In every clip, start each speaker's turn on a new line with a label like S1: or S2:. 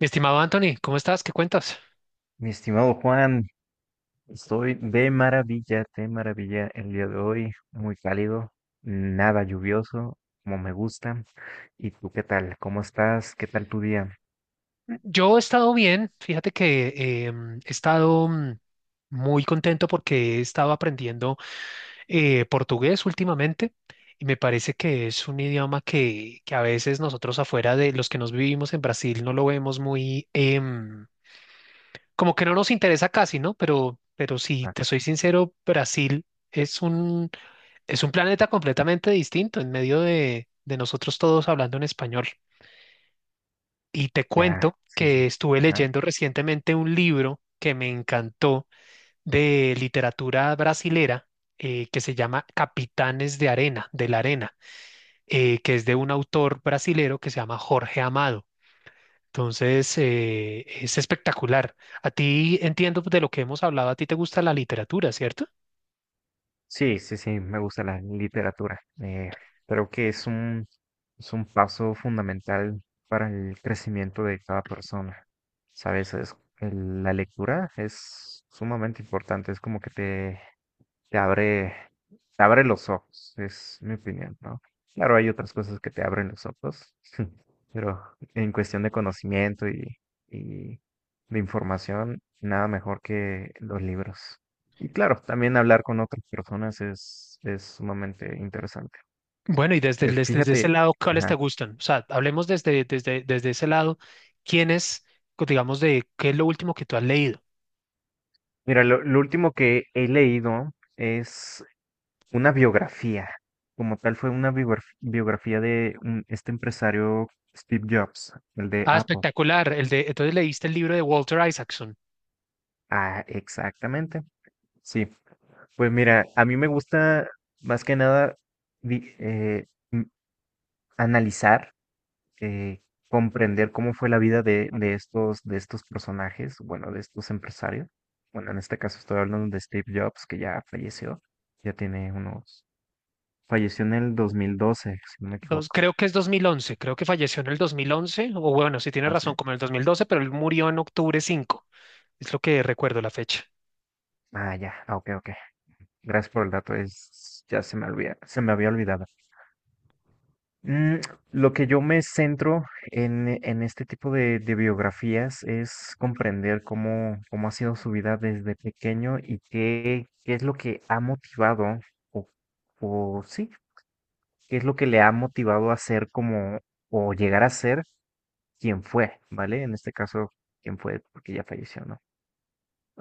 S1: Mi estimado Anthony, ¿cómo estás? ¿Qué cuentas?
S2: Mi estimado Juan, estoy de maravilla el día de hoy, muy cálido, nada lluvioso, como me gusta. ¿Y tú qué tal? ¿Cómo estás? ¿Qué tal tu día?
S1: Yo he estado bien, fíjate que he estado muy contento porque he estado aprendiendo portugués últimamente y me parece que es un idioma que a veces nosotros afuera de los que nos vivimos en Brasil no lo vemos muy, como que no nos interesa casi, ¿no? Pero si
S2: Ah,
S1: te soy sincero, Brasil es un, es un planeta completamente distinto en medio de nosotros todos hablando en español. Y te
S2: ya,
S1: cuento
S2: sí,
S1: que
S2: sí.
S1: estuve
S2: Ajá.
S1: leyendo recientemente un libro que me encantó de literatura brasilera que se llama Capitanes de Arena, de la Arena, que es de un autor brasilero que se llama Jorge Amado. Entonces, es espectacular. A ti entiendo de lo que hemos hablado, a ti te gusta la literatura, ¿cierto?
S2: Sí, sí, sí, me gusta la literatura. Creo que es es un paso fundamental para el crecimiento de cada persona. Sabes, la lectura es sumamente importante, es como que te abre, te abre los ojos, es mi opinión, ¿no? Claro, hay otras cosas que te abren los ojos, pero en cuestión de conocimiento y de información, nada mejor que los libros. Y claro, también hablar con otras personas es sumamente interesante.
S1: Bueno, y desde, el- desde, desde ese
S2: Fíjate,
S1: lado, ¿cuáles te
S2: ajá.
S1: gustan? O sea, hablemos desde ese lado, ¿quiénes, digamos, de qué es lo último que tú has leído?
S2: Mira, lo último que he leído es una biografía, como tal fue una biografía de este empresario Steve Jobs, el de
S1: Ah,
S2: Apple.
S1: espectacular. El de, entonces leíste el libro de Walter Isaacson.
S2: Ah, exactamente. Sí, pues mira, a mí me gusta más que nada di- eh, m- analizar, eh, comprender cómo fue la vida de estos personajes, bueno, de estos empresarios. Bueno, en este caso estoy hablando de Steve Jobs, que ya falleció, ya tiene unos, falleció en el 2012 si no me equivoco.
S1: Creo que es 2011. Creo que falleció en el 2011. O bueno, si tienes
S2: ¿Ah, sí?
S1: razón, como en el 2012, pero él murió en octubre 5. Es lo que recuerdo la fecha.
S2: Ah, ya, ah, ok, ok. Gracias por el dato, es, ya se me olvida, se me había olvidado. Mm, lo que yo me centro en este tipo de biografías es comprender cómo, cómo ha sido su vida desde pequeño y qué, qué es lo que ha motivado, o, o sí, qué es lo que le ha motivado a ser como, o llegar a ser quien fue, ¿vale? En este caso, quien fue, porque ya falleció, ¿no?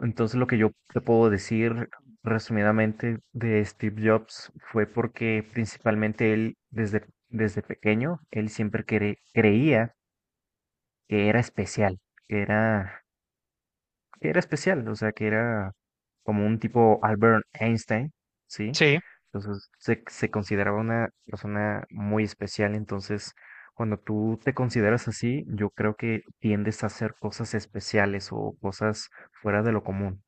S2: Entonces, lo que yo te puedo decir resumidamente de Steve Jobs fue porque principalmente él, desde, desde pequeño, él siempre creía que era especial, que era, que era especial, o sea, que era como un tipo Albert Einstein, ¿sí?
S1: Sí,
S2: Entonces, se consideraba una persona muy especial, entonces, cuando tú te consideras así, yo creo que tiendes a hacer cosas especiales o cosas fuera de lo común.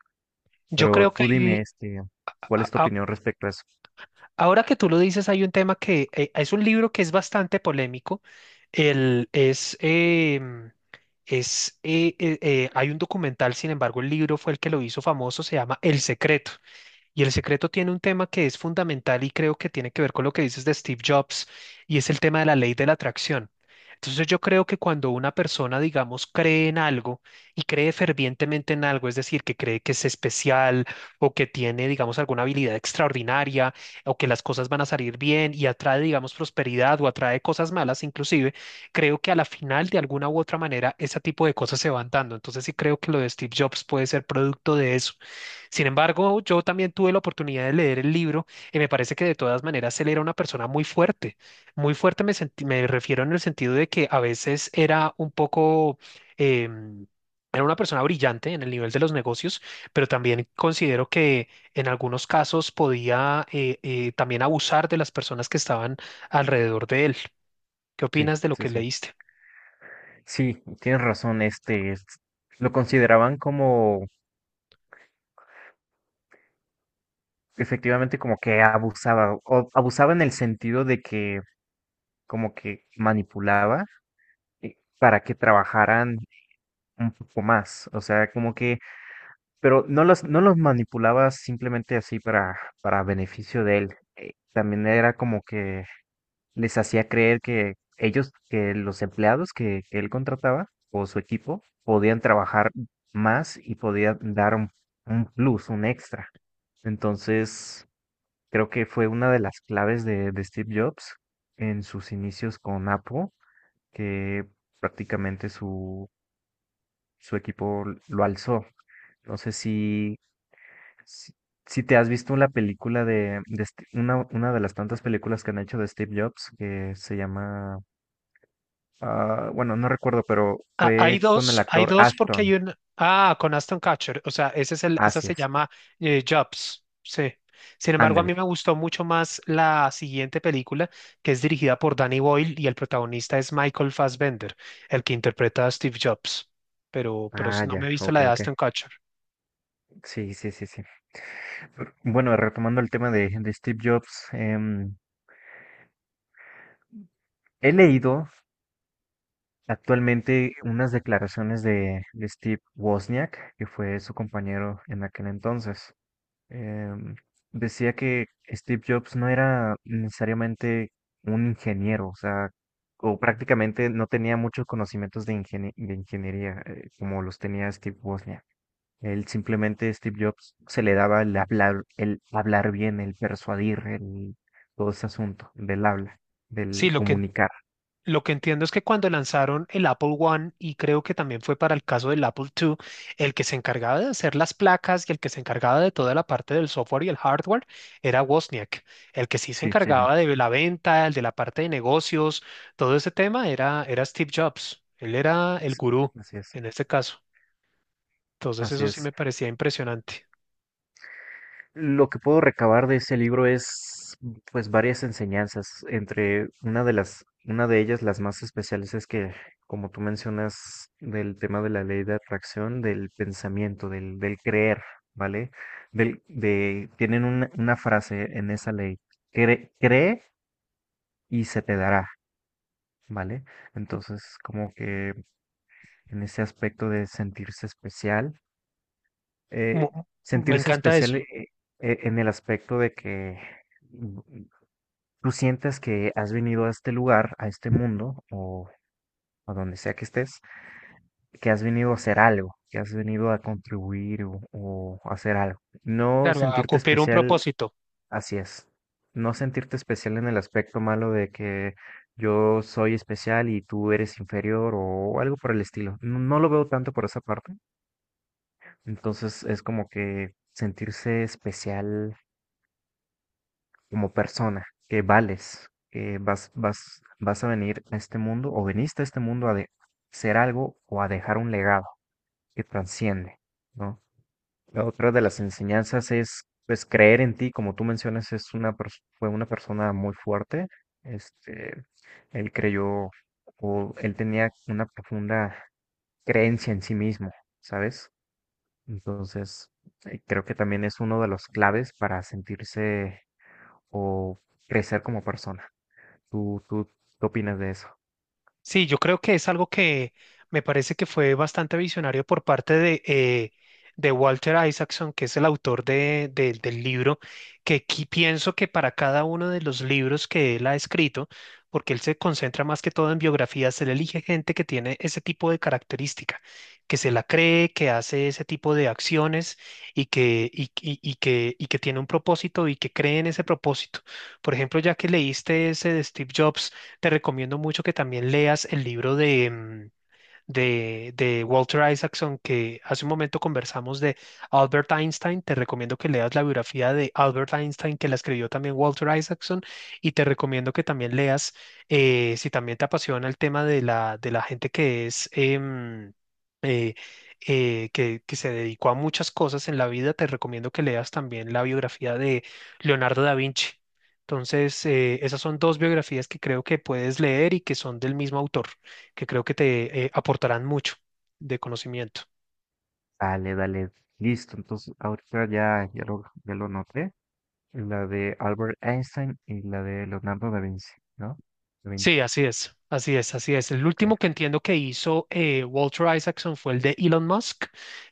S1: yo
S2: Pero
S1: creo que
S2: tú dime, este, ¿cuál
S1: a-
S2: es tu
S1: a-
S2: opinión respecto a eso?
S1: ahora que tú lo dices, hay un tema que es un libro que es bastante polémico. El, es, em, es, hay un documental, sin embargo, el libro fue el que lo hizo famoso, se llama El Secreto. Y el secreto tiene un tema que es fundamental y creo que tiene que ver con lo que dices de Steve Jobs y es el tema de la ley de la atracción. Entonces yo creo que cuando una persona, digamos, cree en algo y cree fervientemente en algo, es decir, que cree que es especial o que tiene, digamos, alguna habilidad extraordinaria o que las cosas van a salir bien y atrae, digamos, prosperidad o atrae cosas malas inclusive, creo que a la final, de alguna u otra manera, ese tipo de cosas se van dando. Entonces sí creo que lo de Steve Jobs puede ser producto de eso. Sin embargo, yo también tuve la oportunidad de leer el libro y me parece que de todas maneras él era una persona muy fuerte. Muy fuerte me refiero en el sentido de que a veces era un poco... em, Era una persona brillante en el nivel de los negocios, pero también considero que en algunos casos podía también abusar de las personas que estaban alrededor de él. ¿Qué
S2: Sí,
S1: opinas de lo
S2: sí,
S1: que
S2: sí.
S1: leíste?
S2: Sí, tienes razón, lo consideraban como, efectivamente, como que abusaba, o abusaba en el sentido de que como que manipulaba para que trabajaran un poco más, o sea, como que, pero no no los manipulaba simplemente así para beneficio de él, también era como que les hacía creer que ellos, que los empleados que él contrataba o su equipo podían trabajar más y podían dar un plus, un extra. Entonces, creo que fue una de las claves de Steve Jobs en sus inicios con Apple, que prácticamente su, su equipo lo alzó. No sé si, si te has visto la película de una de las tantas películas que han hecho de Steve Jobs, que se llama. Ah, bueno, no recuerdo, pero
S1: Ah,
S2: fue con el
S1: hay
S2: actor
S1: dos porque hay
S2: Ashton.
S1: un... Ah, con Aston Catcher, o sea, ese es el, esa
S2: Así
S1: se
S2: es.
S1: llama Jobs, sí. Sin embargo, a
S2: Ándale.
S1: mí me gustó mucho más la siguiente película, que es dirigida por Danny Boyle y el protagonista es Michael Fassbender, el que interpreta a Steve Jobs. Pero
S2: Ah,
S1: no
S2: ya,
S1: me he visto la
S2: ok,
S1: de
S2: ok.
S1: Aston Catcher.
S2: Sí, sí, sí, sí. Bueno, retomando el tema de Steve Jobs, he leído actualmente unas declaraciones de Steve Wozniak, que fue su compañero en aquel entonces. em, Decía que Steve Jobs no era necesariamente un ingeniero, o sea, o prácticamente no tenía muchos conocimientos de ingeniería, como los tenía Steve Wozniak. Él simplemente, Steve Jobs, se le daba el hablar bien, el persuadir, el, todo ese asunto del habla,
S1: Sí,
S2: del
S1: lo que
S2: comunicar.
S1: Lo que entiendo es que cuando lanzaron el Apple One, y creo que también fue para el caso del Apple II, el que se encargaba de hacer las placas y el que se encargaba de toda la parte del software y el hardware era Wozniak. El que sí se
S2: Sí, sí, sí.
S1: encargaba de la venta, el de la parte de negocios, todo ese tema era Steve Jobs. Él era el
S2: Sí,
S1: gurú
S2: así es,
S1: en este caso. Entonces
S2: así
S1: eso sí me
S2: es.
S1: parecía impresionante.
S2: Lo que puedo recabar de ese libro es, pues, varias enseñanzas. Entre una de las, una de ellas, las más especiales, es que, como tú mencionas, del tema de la ley de atracción, del pensamiento, del creer, ¿vale? Tienen una frase en esa ley, cree, cree y se te dará, ¿vale? Entonces, como que en ese aspecto de sentirse especial, eh,
S1: Mu- Me
S2: sentirse
S1: encanta
S2: especial,
S1: eso.
S2: en el aspecto de que tú sientes que has venido a este lugar, a este mundo, o a donde sea que estés, que has venido a hacer algo, que has venido a contribuir o hacer algo. No
S1: Claro, a
S2: sentirte
S1: cumplir un
S2: especial,
S1: propósito.
S2: así es. No sentirte especial en el aspecto malo de que yo soy especial y tú eres inferior o algo por el estilo. No, no lo veo tanto por esa parte. Entonces es como que sentirse especial como persona, que vales, que vas a venir a este mundo o veniste a este mundo a ser algo o a dejar un legado que trasciende, ¿no? La otra de las enseñanzas es, pues, creer en ti, como tú mencionas, es una fue una persona muy fuerte, este, él creyó o él tenía una profunda creencia en sí mismo, ¿sabes? Entonces, creo que también es uno de los claves para sentirse o crecer como persona. ¿Tú qué opinas de eso?
S1: Sí, yo creo que es algo que me parece que fue bastante visionario por parte de Walter Isaacson, que es el autor del libro, que pienso que para cada uno de los libros que él ha escrito, porque él se concentra más que todo en biografías, él elige gente que tiene ese tipo de característica, que se la cree, que hace ese tipo de acciones y que tiene un propósito y que cree en ese propósito. Por ejemplo, ya que leíste ese de Steve Jobs, te recomiendo mucho que también leas el libro de Walter Isaacson, que hace un momento conversamos de Albert Einstein. Te recomiendo que leas la biografía de Albert Einstein, que la escribió también Walter Isaacson. Y te recomiendo que también leas, si también te apasiona el tema de la gente que es... eh, que se dedicó a muchas cosas en la vida, te recomiendo que leas también la biografía de Leonardo da Vinci. Entonces, esas son dos biografías que creo que puedes leer y que son del mismo autor, que creo que te aportarán mucho de conocimiento.
S2: Dale, dale. Listo, entonces ahorita ya lo noté. La de Albert Einstein y la de Leonardo da Vinci, ¿no? Da Vinci,
S1: Sí, así es, así es, así es. El
S2: ok.
S1: último que entiendo que hizo Walter Isaacson fue el de Elon Musk,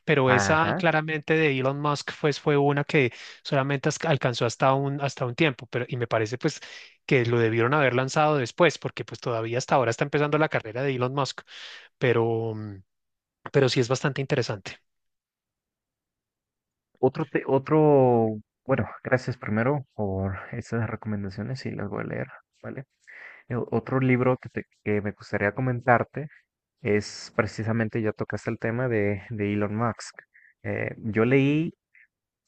S1: pero esa
S2: Ajá.
S1: claramente de Elon Musk pues, fue una que solamente alcanzó hasta hasta un tiempo, pero y me parece pues que lo debieron haber lanzado después, porque pues todavía hasta ahora está empezando la carrera de Elon Musk, pero, pero sí es bastante interesante.
S2: Otro, bueno, gracias primero por esas recomendaciones y las voy a leer, ¿vale? El otro libro que me gustaría comentarte es precisamente, ya tocaste el tema de Elon Musk. Yo leí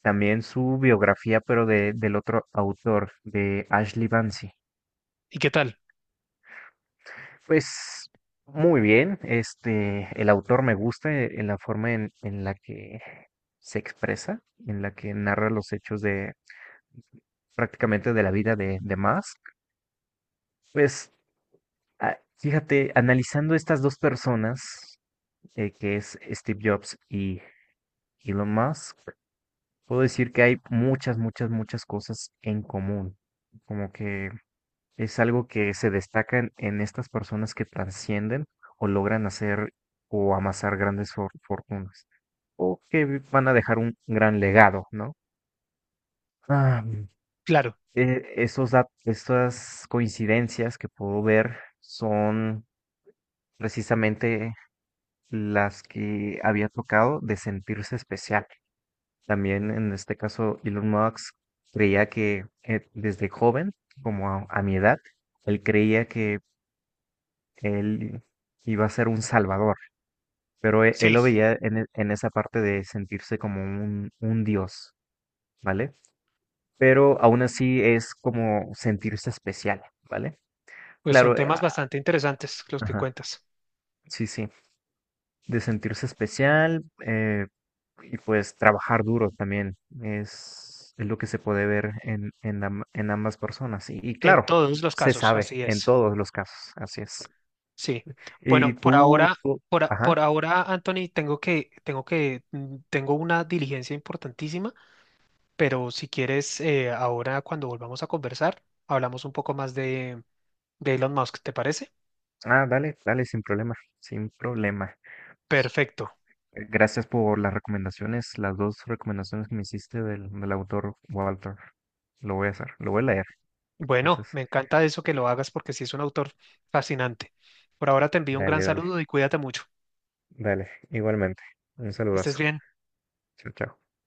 S2: también su biografía, pero del otro autor, de Ashley Bansi.
S1: ¿Y qué tal?
S2: Pues muy bien, este, el autor me gusta, en la forma en la que se expresa, en la que narra los hechos de prácticamente de la vida de Musk. Pues ah, fíjate, analizando estas dos personas, que es Steve Jobs y Elon Musk, puedo decir que hay muchas, muchas, muchas cosas en común. Como que es algo que se destaca en estas personas que trascienden o logran hacer o amasar grandes fortunas o que van a dejar un gran legado, ¿no? Ah,
S1: Claro,
S2: estas coincidencias que puedo ver son precisamente las que había tocado de sentirse especial. También en este caso Elon Musk creía que, desde joven, como a mi edad, él creía que él iba a ser un salvador, pero él
S1: sí,
S2: lo veía en esa parte de sentirse como un dios, ¿vale? Pero aún así es como sentirse especial, ¿vale?
S1: pues son
S2: Claro,
S1: temas
S2: ah,
S1: bastante interesantes los que
S2: ajá,
S1: cuentas.
S2: sí, sí, de sentirse especial, y pues trabajar duro también es lo que se puede ver en ambas personas. Y
S1: En
S2: claro,
S1: todos los
S2: se
S1: casos,
S2: sabe
S1: así
S2: en
S1: es.
S2: todos los casos, así es.
S1: Sí.
S2: Y
S1: Bueno, por ahora,
S2: ajá.
S1: por ahora, Anthony, tengo una diligencia importantísima, pero si quieres, ahora cuando volvamos a conversar, hablamos un poco más de Elon Musk, ¿te parece?
S2: Ah, dale, dale, sin problema, sin problema. Pues,
S1: Perfecto.
S2: gracias por las recomendaciones, las dos recomendaciones que me hiciste del autor Walter. Lo voy a hacer, lo voy a leer.
S1: Bueno,
S2: Entonces,
S1: me encanta eso que lo hagas porque sí es un autor fascinante. Por ahora te envío un gran
S2: dale, dale,
S1: saludo y cuídate mucho.
S2: dale. Igualmente, un
S1: Estés
S2: saludazo.
S1: bien.
S2: Chao, chao.